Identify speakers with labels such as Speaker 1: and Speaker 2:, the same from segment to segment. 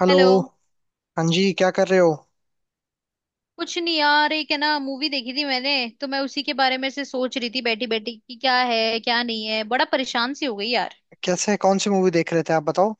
Speaker 1: Hello.
Speaker 2: Hello.
Speaker 1: हाँ जी, क्या कर रहे हो?
Speaker 2: कुछ नहीं यार, एक है ना मूवी देखी थी मैंने, तो मैं उसी के बारे में से सोच रही थी बैठी बैठी कि क्या है क्या नहीं है, बड़ा परेशान सी हो गई यार।
Speaker 1: कैसे? कौन सी मूवी देख रहे थे आप? बताओ।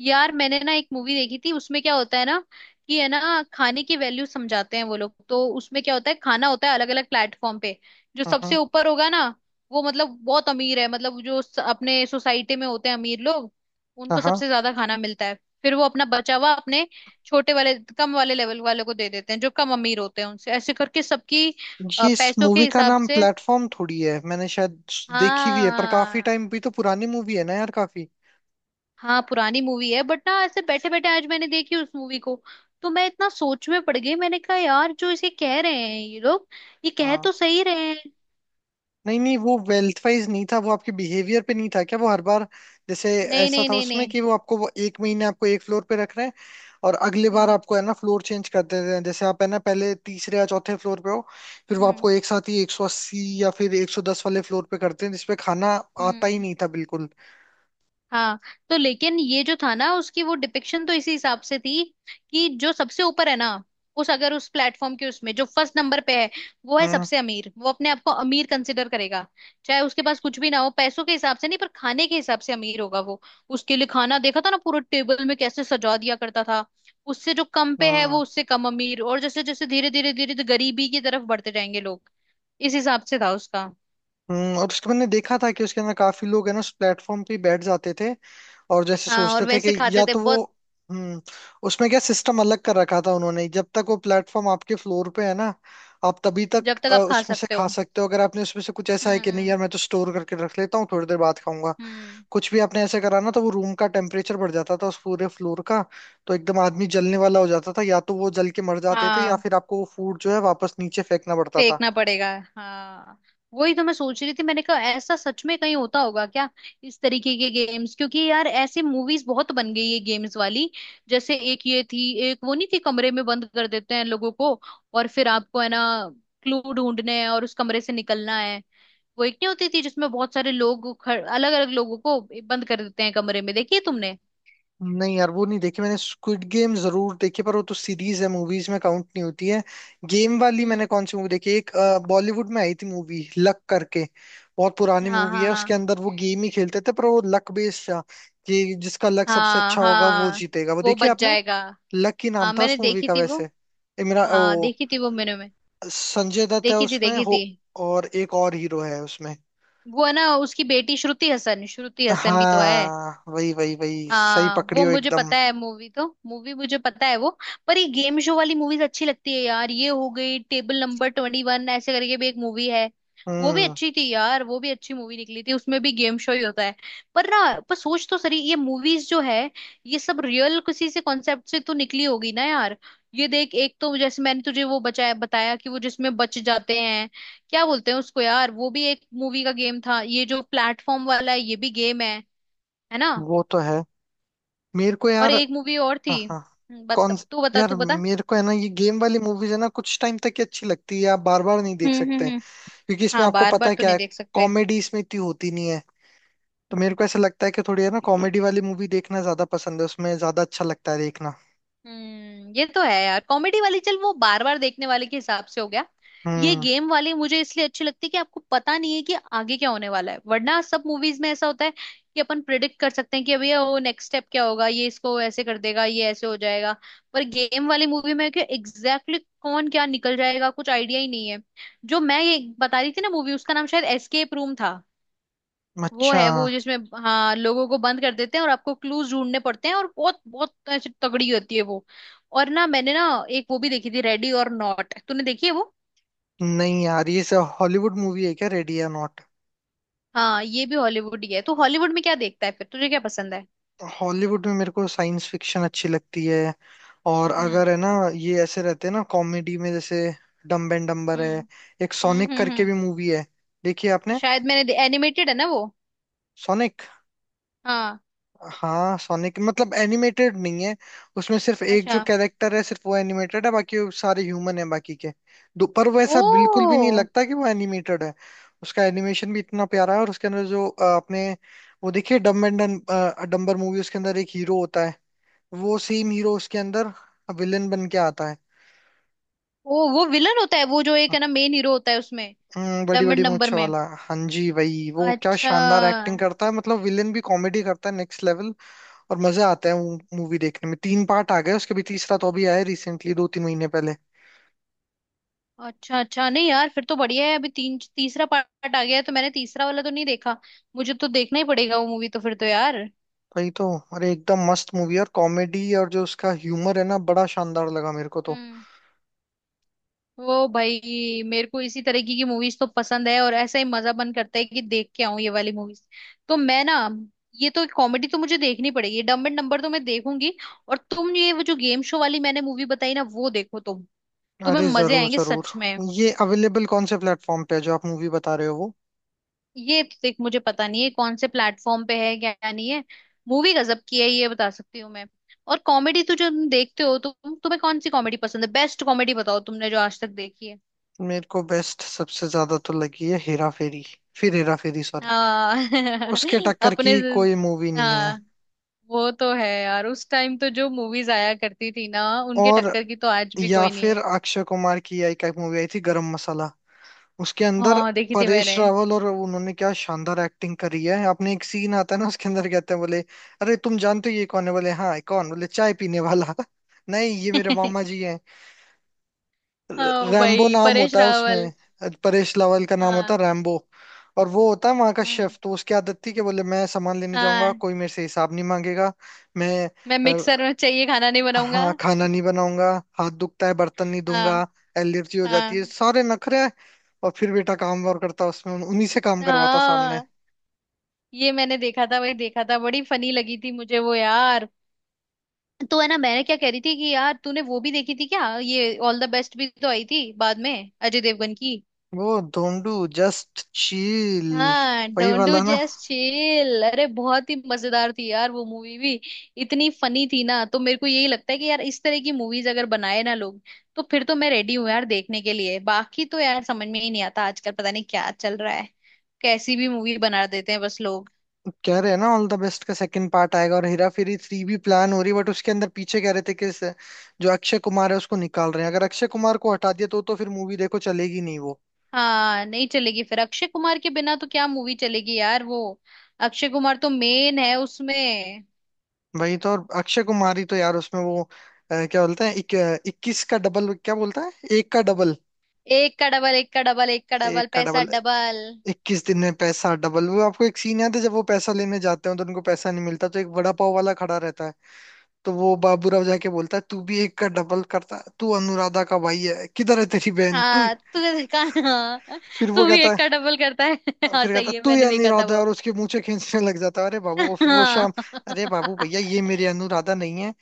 Speaker 2: यार मैंने ना एक मूवी देखी थी, उसमें क्या होता है ना कि है ना खाने की वैल्यू समझाते हैं वो लोग, तो उसमें क्या होता है, खाना होता है अलग अलग प्लेटफॉर्म पे। जो
Speaker 1: हाँ
Speaker 2: सबसे
Speaker 1: हाँ।
Speaker 2: ऊपर होगा ना वो मतलब बहुत अमीर है, मतलब जो अपने सोसाइटी में होते हैं अमीर लोग
Speaker 1: हाँ
Speaker 2: उनको
Speaker 1: हाँ।
Speaker 2: सबसे ज्यादा खाना मिलता है। फिर वो अपना बचा हुआ अपने छोटे वाले कम वाले लेवल वाले को दे देते हैं, जो कम अमीर होते हैं, उनसे ऐसे करके सबकी
Speaker 1: ये इस
Speaker 2: पैसों के
Speaker 1: मूवी का
Speaker 2: हिसाब
Speaker 1: नाम
Speaker 2: से।
Speaker 1: प्लेटफॉर्म थोड़ी है, मैंने शायद देखी भी है, पर काफी
Speaker 2: हाँ।
Speaker 1: टाइम भी तो पुरानी मूवी है ना यार, काफी।
Speaker 2: हाँ पुरानी मूवी है बट ना ऐसे बैठे बैठे आज मैंने देखी उस मूवी को, तो मैं इतना सोच में पड़ गई। मैंने कहा यार, जो इसे कह रहे हैं ये लोग, ये कह
Speaker 1: हाँ।
Speaker 2: तो सही रहे हैं।
Speaker 1: नहीं नहीं, वो वेल्थ वाइज नहीं था। वो आपके बिहेवियर पे नहीं था क्या? वो हर बार जैसे
Speaker 2: नहीं
Speaker 1: ऐसा
Speaker 2: नहीं
Speaker 1: था
Speaker 2: नहीं
Speaker 1: उसमें
Speaker 2: नहीं।
Speaker 1: कि वो आपको, वो एक महीने आपको एक फ्लोर पे रख रहे हैं। और अगले बार
Speaker 2: हम्म।
Speaker 1: आपको है ना फ्लोर चेंज कर देते हैं। जैसे आप है ना पहले, तीसरे या चौथे फ्लोर पे हो, फिर वो आपको
Speaker 2: हम्म।
Speaker 1: एक साथ ही 180 या फिर 110 वाले फ्लोर पे करते हैं, जिसपे खाना आता ही
Speaker 2: हम्म।
Speaker 1: नहीं था बिल्कुल।
Speaker 2: हाँ। तो लेकिन ये जो था ना उसकी वो डिपिक्शन तो इसी हिसाब से थी कि जो सबसे ऊपर है ना, उस अगर उस प्लेटफॉर्म के उसमें जो फर्स्ट नंबर पे है, वो है
Speaker 1: हम्म
Speaker 2: सबसे अमीर। वो अपने आप को अमीर कंसिडर करेगा, चाहे उसके पास कुछ भी ना हो पैसों के हिसाब से, नहीं पर खाने के हिसाब से अमीर होगा वो। उसके लिए खाना देखा था ना पूरे टेबल में कैसे सजा दिया करता था। उससे जो कम पे है
Speaker 1: हम्म
Speaker 2: वो उससे कम अमीर, और जैसे जैसे धीरे धीरे धीरे गरीबी की तरफ बढ़ते जाएंगे लोग, इस हिसाब से था उसका।
Speaker 1: और उसके मैंने देखा था कि उसके अंदर काफी लोग है ना उस प्लेटफॉर्म पे ही बैठ जाते थे, और जैसे
Speaker 2: हाँ और
Speaker 1: सोचते थे कि
Speaker 2: वैसे
Speaker 1: या
Speaker 2: खाते थे
Speaker 1: तो वो
Speaker 2: बहुत।
Speaker 1: हम्म उसमें क्या सिस्टम अलग कर रखा था उन्होंने। जब तक वो प्लेटफॉर्म आपके फ्लोर पे है ना, आप तभी तक
Speaker 2: जब तक आप खा
Speaker 1: उसमें से
Speaker 2: सकते
Speaker 1: खा
Speaker 2: हो।
Speaker 1: सकते हो। अगर आपने उसमें से कुछ ऐसा है कि नहीं
Speaker 2: हम्म।
Speaker 1: यार, मैं तो स्टोर करके रख लेता हूँ, थोड़ी देर बाद खाऊंगा,
Speaker 2: हम्म।
Speaker 1: कुछ भी आपने ऐसे करा ना, तो वो रूम का टेम्परेचर बढ़ जाता था उस पूरे फ्लोर का। तो एकदम आदमी जलने वाला हो जाता था, या तो वो जल के मर जाते थे, या
Speaker 2: हाँ।
Speaker 1: फिर आपको वो फूड जो है वापस नीचे फेंकना पड़ता था।
Speaker 2: फेंकना पड़ेगा। हाँ। वही तो मैं सोच रही थी, मैंने कहा ऐसा सच में कहीं होता होगा क्या, इस तरीके के गेम्स? क्योंकि यार ऐसे मूवीज बहुत बन गई है गेम्स वाली। जैसे एक ये थी, एक वो नहीं थी कमरे में बंद कर देते हैं लोगों को और फिर आपको है ना क्लू ढूंढने हैं और उस कमरे से निकलना है। वो एक नहीं होती थी जिसमें बहुत सारे लोग, अलग अलग लोगों को बंद कर देते हैं कमरे में, देखिए तुमने।
Speaker 1: नहीं यार, वो नहीं देखी मैंने। स्क्विड गेम जरूर देखी, पर वो तो सीरीज है, मूवीज में काउंट नहीं होती है। गेम वाली मैंने
Speaker 2: हम्म।
Speaker 1: कौन सी मूवी देखी, एक बॉलीवुड में आई थी मूवी लक करके। बहुत पुरानी
Speaker 2: हाँ
Speaker 1: मूवी
Speaker 2: हाँ
Speaker 1: है, उसके
Speaker 2: हाँ।
Speaker 1: अंदर वो गेम ही खेलते थे, पर वो लक बेस्ड था कि जिसका लक सबसे
Speaker 2: हाँ
Speaker 1: अच्छा होगा वो
Speaker 2: हाँ,
Speaker 1: जीतेगा। वो
Speaker 2: वो
Speaker 1: देखी
Speaker 2: बच
Speaker 1: आपने?
Speaker 2: जाएगा।
Speaker 1: लक ही नाम
Speaker 2: हाँ
Speaker 1: था
Speaker 2: मैंने
Speaker 1: उस मूवी
Speaker 2: देखी
Speaker 1: का
Speaker 2: थी वो।
Speaker 1: वैसे। इमरा
Speaker 2: हाँ
Speaker 1: ओ।
Speaker 2: देखी थी वो मैंने में।
Speaker 1: संजय दत्त है
Speaker 2: देखी थी
Speaker 1: उसमें
Speaker 2: देखी
Speaker 1: हो।
Speaker 2: थी।
Speaker 1: और एक और हीरो है उसमें।
Speaker 2: वो है ना उसकी बेटी श्रुति हसन, श्रुति हसन भी तो है।
Speaker 1: हाँ वही वही वही, सही
Speaker 2: हाँ
Speaker 1: पकड़ी
Speaker 2: वो
Speaker 1: हो
Speaker 2: मुझे
Speaker 1: एकदम।
Speaker 2: पता है, मूवी तो मूवी मुझे पता है वो। पर ये गेम शो वाली मूवीज अच्छी लगती है यार। ये हो गई टेबल नंबर 21, ऐसे करके भी एक मूवी है, वो भी
Speaker 1: हम्म।
Speaker 2: अच्छी थी यार। वो भी अच्छी मूवी निकली थी, उसमें भी गेम शो ही होता है। पर ना, पर सोच तो सही, ये मूवीज जो है ये सब रियल किसी से कॉन्सेप्ट से तो निकली होगी ना यार। ये देख, एक तो जैसे मैंने तुझे वो बचाया बताया कि वो जिसमें बच जाते हैं, क्या बोलते हैं उसको यार, वो भी एक मूवी का गेम था। ये जो प्लेटफॉर्म वाला है ये भी गेम है ना।
Speaker 1: वो तो है। मेरे को
Speaker 2: और
Speaker 1: यार
Speaker 2: एक मूवी और
Speaker 1: हाँ
Speaker 2: थी
Speaker 1: हाँ। कौन?
Speaker 2: तू बता
Speaker 1: यार
Speaker 2: तू बता।
Speaker 1: मेरे को है ना, ये गेम वाली मूवीज है ना कुछ टाइम तक ही अच्छी लगती है, आप बार बार नहीं देख
Speaker 2: हम्म।
Speaker 1: सकते
Speaker 2: हम्म।
Speaker 1: हैं।
Speaker 2: हम्म।
Speaker 1: क्योंकि इसमें
Speaker 2: हाँ
Speaker 1: आपको
Speaker 2: बार
Speaker 1: पता
Speaker 2: बार
Speaker 1: है
Speaker 2: तो
Speaker 1: क्या
Speaker 2: नहीं
Speaker 1: है।
Speaker 2: देख सकते।
Speaker 1: कॉमेडी इसमें इतनी होती नहीं है। तो मेरे
Speaker 2: हम्म।
Speaker 1: को ऐसा लगता है कि थोड़ी है ना कॉमेडी वाली मूवी देखना ज्यादा पसंद है, उसमें ज्यादा अच्छा लगता है देखना।
Speaker 2: ये तो है यार, कॉमेडी वाली चल, वो बार बार देखने वाले के हिसाब से हो गया। ये
Speaker 1: हम्म।
Speaker 2: गेम वाली मुझे इसलिए अच्छी लगती है कि आपको पता नहीं है कि आगे क्या होने वाला है, वरना सब मूवीज में ऐसा होता है कि अपन प्रिडिक्ट कर सकते हैं कि अभी वो नेक्स्ट स्टेप क्या होगा, ये इसको ऐसे कर देगा, ये ऐसे हो जाएगा। पर गेम वाली मूवी में कि एग्जैक्टली कौन क्या निकल जाएगा कुछ आइडिया ही नहीं है। जो मैं ये बता रही थी ना मूवी, उसका नाम शायद एस्केप रूम था। वो
Speaker 1: अच्छा,
Speaker 2: है वो जिसमें, हाँ लोगों को बंद कर देते हैं और आपको क्लूज ढूंढने पड़ते हैं, और बहुत बहुत ऐसी तगड़ी होती है वो। और ना मैंने ना एक वो भी देखी थी, रेडी और नॉट, तूने देखी है वो?
Speaker 1: नहीं यार, ये सब हॉलीवुड मूवी है क्या, रेडी या नॉट?
Speaker 2: हाँ ये भी हॉलीवुड ही है, तो हॉलीवुड में क्या देखता है फिर, तुझे क्या पसंद है?
Speaker 1: हॉलीवुड में मेरे को साइंस फिक्शन अच्छी लगती है, और
Speaker 2: हम्म।
Speaker 1: अगर है ना ये ऐसे रहते हैं ना कॉमेडी में, जैसे डम्ब एंड डम्बर है।
Speaker 2: हम्म।
Speaker 1: एक
Speaker 2: हम्म।
Speaker 1: सोनिक
Speaker 2: हम्म।
Speaker 1: करके
Speaker 2: हम्म।
Speaker 1: भी मूवी है, देखिए आपने?
Speaker 2: शायद मैंने एनिमेटेड है ना वो।
Speaker 1: सोनिक?
Speaker 2: हाँ।
Speaker 1: हाँ सोनिक मतलब एनिमेटेड नहीं है। उसमें सिर्फ एक जो
Speaker 2: अच्छा।
Speaker 1: कैरेक्टर है, सिर्फ वो एनिमेटेड है, बाकी वो सारे ह्यूमन है बाकी के दो। पर वो
Speaker 2: ओ।
Speaker 1: ऐसा बिल्कुल भी नहीं लगता कि वो एनिमेटेड है। उसका एनिमेशन भी इतना प्यारा है, और उसके अंदर जो अपने वो देखिए डम्ब एंड डम्बर मूवी, उसके अंदर एक हीरो होता है, वो सेम हीरो उसके अंदर विलन बन के आता है।
Speaker 2: ओ वो विलन होता है वो, जो एक है ना मेन हीरो होता है उसमें।
Speaker 1: हम्म, बड़ी
Speaker 2: डम्बल
Speaker 1: बड़ी
Speaker 2: नंबर
Speaker 1: मूंछ
Speaker 2: में।
Speaker 1: वाला, हाँ जी वही। वो क्या
Speaker 2: अच्छा।
Speaker 1: शानदार एक्टिंग करता है, मतलब विलेन भी कॉमेडी करता है नेक्स्ट लेवल। और मजे आते हैं मूवी देखने में। तीन पार्ट आ गए उसके भी, तीसरा तो अभी आया रिसेंटली, 2-3 महीने पहले।
Speaker 2: अच्छा अच्छा नहीं यार फिर तो बढ़िया है, अभी तीन तीसरा पार्ट आ गया है तो मैंने तीसरा वाला तो नहीं देखा। मुझे तो देखना ही पड़ेगा वो मूवी तो फिर तो यार।
Speaker 1: वही तो। अरे एकदम मस्त मूवी है, और कॉमेडी और जो उसका ह्यूमर है ना, बड़ा शानदार लगा मेरे को तो।
Speaker 2: हम्म। वो भाई मेरे को इसी तरीके की मूवीज तो पसंद है, और ऐसा ही मजा, मन करता है कि देख के आऊं ये वाली मूवीज। तो मैं ना, ये तो कॉमेडी तो मुझे देखनी पड़ेगी, डम्ब एंड डम्बर तो मैं देखूंगी। और तुम ये वो जो गेम शो वाली मैंने मूवी बताई ना वो देखो तुम, तुम्हें
Speaker 1: अरे
Speaker 2: मजे
Speaker 1: जरूर
Speaker 2: आएंगे
Speaker 1: जरूर।
Speaker 2: सच में।
Speaker 1: ये अवेलेबल कौन से प्लेटफॉर्म पे है, जो आप मूवी बता रहे हो वो?
Speaker 2: ये तो देख मुझे पता नहीं है कौन से प्लेटफॉर्म पे है क्या नहीं है, मूवी गजब की है ये बता सकती हूँ मैं। और कॉमेडी तो जो तुम देखते हो, तुम तुम्हें कौन सी कॉमेडी पसंद है? बेस्ट कॉमेडी बताओ तुमने जो आज तक देखी है।
Speaker 1: मेरे को बेस्ट सबसे ज्यादा तो लगी है हेरा फेरी, फिर हेरा फेरी, सॉरी।
Speaker 2: हाँ
Speaker 1: उसके टक्कर
Speaker 2: अपने।
Speaker 1: की कोई मूवी नहीं है।
Speaker 2: हाँ वो तो है यार, उस टाइम तो जो मूवीज आया करती थी ना, उनके
Speaker 1: और
Speaker 2: टक्कर की तो आज भी
Speaker 1: या
Speaker 2: कोई नहीं
Speaker 1: फिर
Speaker 2: है।
Speaker 1: अक्षय कुमार की एक एक मूवी आई थी, गरम मसाला। उसके अंदर
Speaker 2: हाँ देखी थी
Speaker 1: परेश
Speaker 2: मैंने।
Speaker 1: रावल, और उन्होंने क्या शानदार एक्टिंग करी है। आपने एक सीन आता है ना उसके अंदर, कहते हैं, बोले, अरे तुम जानते हो ये कौन है? बोले हाँ। कौन? बोले चाय पीने वाला। नहीं ये मेरे मामा जी हैं।
Speaker 2: ओ
Speaker 1: रैम्बो
Speaker 2: भाई
Speaker 1: नाम
Speaker 2: परेश
Speaker 1: होता है
Speaker 2: रावल।
Speaker 1: उसमें, परेश रावल का नाम होता
Speaker 2: हाँ।
Speaker 1: है रैम्बो। और वो होता है वहां का
Speaker 2: हम्म।
Speaker 1: शेफ। तो उसकी आदत थी कि बोले मैं सामान लेने जाऊंगा,
Speaker 2: हाँ
Speaker 1: कोई मेरे से हिसाब नहीं मांगेगा। मैं,
Speaker 2: मैं मिक्सर में चाहिए खाना नहीं बनाऊंगा।
Speaker 1: हाँ खाना नहीं बनाऊंगा, हाथ दुखता है बर्तन नहीं धोऊंगा,
Speaker 2: हाँ।
Speaker 1: एलर्जी हो जाती
Speaker 2: हाँ।
Speaker 1: है, सारे नखरे हैं। और फिर बेटा काम और करता उसमें, उन्हीं से काम करवाता सामने।
Speaker 2: हाँ। ये मैंने देखा था, वही देखा था, बड़ी फनी लगी थी मुझे वो यार। तो है ना, मैंने क्या कह रही थी कि यार तूने वो भी देखी थी क्या, ये ऑल द बेस्ट भी तो आई थी बाद में अजय देवगन की।
Speaker 1: वो धोंडू जस्ट चील,
Speaker 2: हाँ
Speaker 1: वही
Speaker 2: डोंट डू
Speaker 1: वाला ना।
Speaker 2: जस्ट चिल, अरे बहुत ही मजेदार थी यार वो मूवी भी। इतनी फनी थी ना, तो मेरे को यही लगता है कि यार इस तरह की मूवीज अगर बनाए ना लोग, तो फिर तो मैं रेडी हूँ यार देखने के लिए। बाकी तो यार समझ में ही नहीं आता आजकल, पता नहीं क्या चल रहा है, कैसी भी मूवी बना देते हैं बस लोग।
Speaker 1: कह रहे हैं ना ऑल द बेस्ट का सेकंड पार्ट आएगा, और हेरा फेरी थ्री भी प्लान हो रही है, बट उसके अंदर पीछे कह रहे थे कि जो अक्षय कुमार है उसको निकाल रहे हैं। अगर अक्षय कुमार को हटा दिया, तो फिर मूवी देखो चलेगी नहीं वो।
Speaker 2: हाँ नहीं चलेगी फिर अक्षय कुमार के बिना, तो क्या मूवी चलेगी यार वो। अक्षय कुमार तो मेन है उसमें।
Speaker 1: वही तो। और अक्षय कुमार ही तो यार उसमें वो, क्या बोलते हैं, 21 का डबल, क्या बोलता है, एक का डबल,
Speaker 2: एक का डबल, एक का डबल, एक का डबल
Speaker 1: एक का
Speaker 2: पैसा
Speaker 1: डबल।
Speaker 2: डबल।
Speaker 1: 21 दिन में पैसा डबल। वो आपको एक सीन याद है, जब वो पैसा लेने जाते हैं तो उनको पैसा नहीं मिलता, तो एक वड़ा पाव वाला खड़ा रहता है, तो वो बाबूराव जाके बोलता है, तू भी एक का डबल करता है, तू अनुराधा का भाई है, किधर है तेरी बहन तू?
Speaker 2: हाँ तुझे देखा। हाँ
Speaker 1: फिर वो
Speaker 2: तू भी
Speaker 1: कहता
Speaker 2: एक का डबल करता है हाँ
Speaker 1: फिर कहता
Speaker 2: सही
Speaker 1: है,
Speaker 2: है,
Speaker 1: तू ही
Speaker 2: मैंने देखा था
Speaker 1: अनुराधा है, और
Speaker 2: वो।
Speaker 1: उसके मूंछें खींचने लग जाता है। अरे बाबू, और फिर वो
Speaker 2: हाँ।
Speaker 1: शाम, अरे बाबू भैया ये मेरी अनुराधा नहीं है,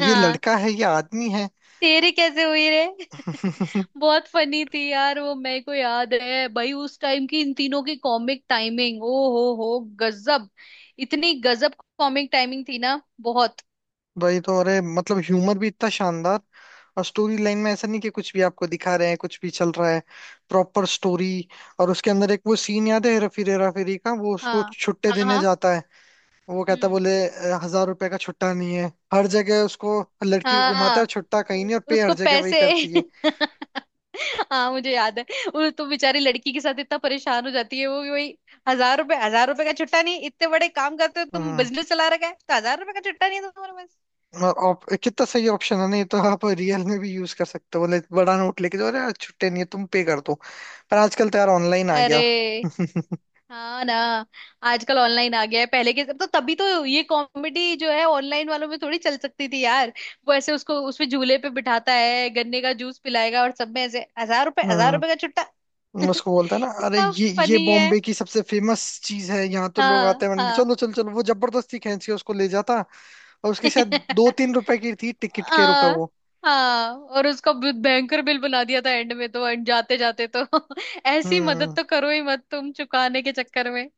Speaker 1: ये लड़का है, ये आदमी है।
Speaker 2: तेरी कैसे हुई रे बहुत फनी थी यार, वो मेरे को याद है भाई उस टाइम की, इन तीनों की कॉमिक टाइमिंग, ओ हो गजब। इतनी गजब कॉमिक टाइमिंग थी ना बहुत।
Speaker 1: वही तो। अरे मतलब ह्यूमर भी इतना शानदार, और स्टोरी लाइन में ऐसा नहीं कि कुछ भी आपको दिखा रहे हैं, कुछ भी चल रहा है, प्रॉपर स्टोरी। और उसके अंदर एक वो सीन याद है, हेरा फेरी का, वो उसको
Speaker 2: हाँ
Speaker 1: छुट्टे
Speaker 2: हाँ
Speaker 1: देने
Speaker 2: हाँ।
Speaker 1: जाता है, वो कहता है,
Speaker 2: हम्म।
Speaker 1: बोले, 1000 रुपए का छुट्टा नहीं है। हर जगह उसको, लड़की को घुमाता
Speaker 2: हाँ
Speaker 1: है, छुट्टा कहीं नहीं, और पे हर
Speaker 2: उसको
Speaker 1: जगह वही
Speaker 2: पैसे
Speaker 1: करती है।
Speaker 2: हाँ मुझे याद है। वो तो बेचारी लड़की के साथ इतना परेशान हो जाती है वो कि भाई, हजार रुपए, हजार रुपए का छुट्टा नहीं, इतने बड़े काम करते हो तुम,
Speaker 1: हम्म।
Speaker 2: बिजनेस चला रखा है तो हजार रुपए का छुट्टा नहीं है तुम्हारे पास।
Speaker 1: और कितना सही ऑप्शन है, नहीं तो आप रियल में भी यूज कर सकते हो, बोले बड़ा नोट लेके जाओ, अरे यार, छुट्टे नहीं है, तुम पे कर दो। पर आजकल तो यार ऑनलाइन आ
Speaker 2: अरे।
Speaker 1: गया।
Speaker 2: हाँ ना। आजकल ऑनलाइन आ गया है, पहले के तो तभी तो ये कॉमेडी जो है ऑनलाइन वालों में थोड़ी चल सकती थी यार। वो ऐसे उसको उसमें झूले पे बिठाता है, गन्ने का जूस पिलाएगा, और सब में ऐसे हजार रुपए, हजार
Speaker 1: हम्म।
Speaker 2: रुपए का छुट्टा
Speaker 1: उसको बोलता है ना, अरे
Speaker 2: कितना
Speaker 1: ये
Speaker 2: फनी है।
Speaker 1: बॉम्बे की सबसे फेमस चीज है, यहाँ तो लोग आते
Speaker 2: हाँ
Speaker 1: हैं,
Speaker 2: हाँ।
Speaker 1: चलो चलो चलो, वो जबरदस्ती खींच के उसको ले जाता। और उसके शायद दो तीन रुपए की थी, टिकट के रुपए
Speaker 2: हाँ
Speaker 1: वो।
Speaker 2: हाँ, और उसका बहुत भयंकर बिल बना दिया था एंड में, तो एंड जाते जाते तो ऐसी मदद
Speaker 1: हम्म।
Speaker 2: तो करो ही मत तुम चुकाने के चक्कर में।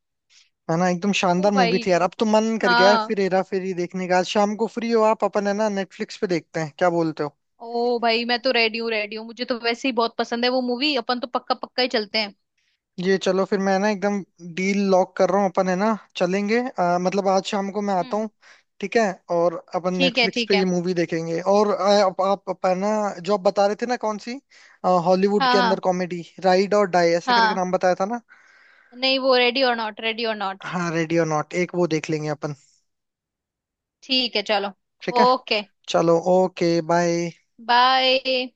Speaker 1: है ना एकदम
Speaker 2: ओ
Speaker 1: शानदार मूवी
Speaker 2: भाई।
Speaker 1: थी यार। अब तो मन कर गया यार
Speaker 2: हाँ।
Speaker 1: फिर हेरा फेरी देखने का। आज शाम को फ्री हो आप? अपन है ना नेटफ्लिक्स पे देखते हैं, क्या बोलते हो?
Speaker 2: ओ भाई मैं तो रेडी हूँ रेडी हूँ, मुझे तो वैसे ही बहुत पसंद है वो मूवी, अपन तो पक्का पक्का ही चलते हैं।
Speaker 1: ये चलो, फिर मैं ना एकदम डील लॉक कर रहा हूँ। अपन है ना चलेंगे, मतलब आज शाम को मैं आता
Speaker 2: हम्म।
Speaker 1: हूँ, ठीक है? और अपन
Speaker 2: ठीक है
Speaker 1: नेटफ्लिक्स
Speaker 2: ठीक
Speaker 1: पे
Speaker 2: है।
Speaker 1: ये मूवी देखेंगे, और आप अपन ना, जो आप बता रहे थे ना कौन सी, हॉलीवुड
Speaker 2: हाँ
Speaker 1: के अंदर
Speaker 2: हाँ।
Speaker 1: कॉमेडी, राइड और डाई ऐसे करके
Speaker 2: हाँ
Speaker 1: नाम बताया था ना।
Speaker 2: नहीं वो रेडी और नॉट, रेडी और नॉट।
Speaker 1: हाँ रेडी और नॉट, एक वो देख लेंगे अपन।
Speaker 2: ठीक है चलो।
Speaker 1: ठीक है
Speaker 2: ओके
Speaker 1: चलो। Okay bye.
Speaker 2: बाय।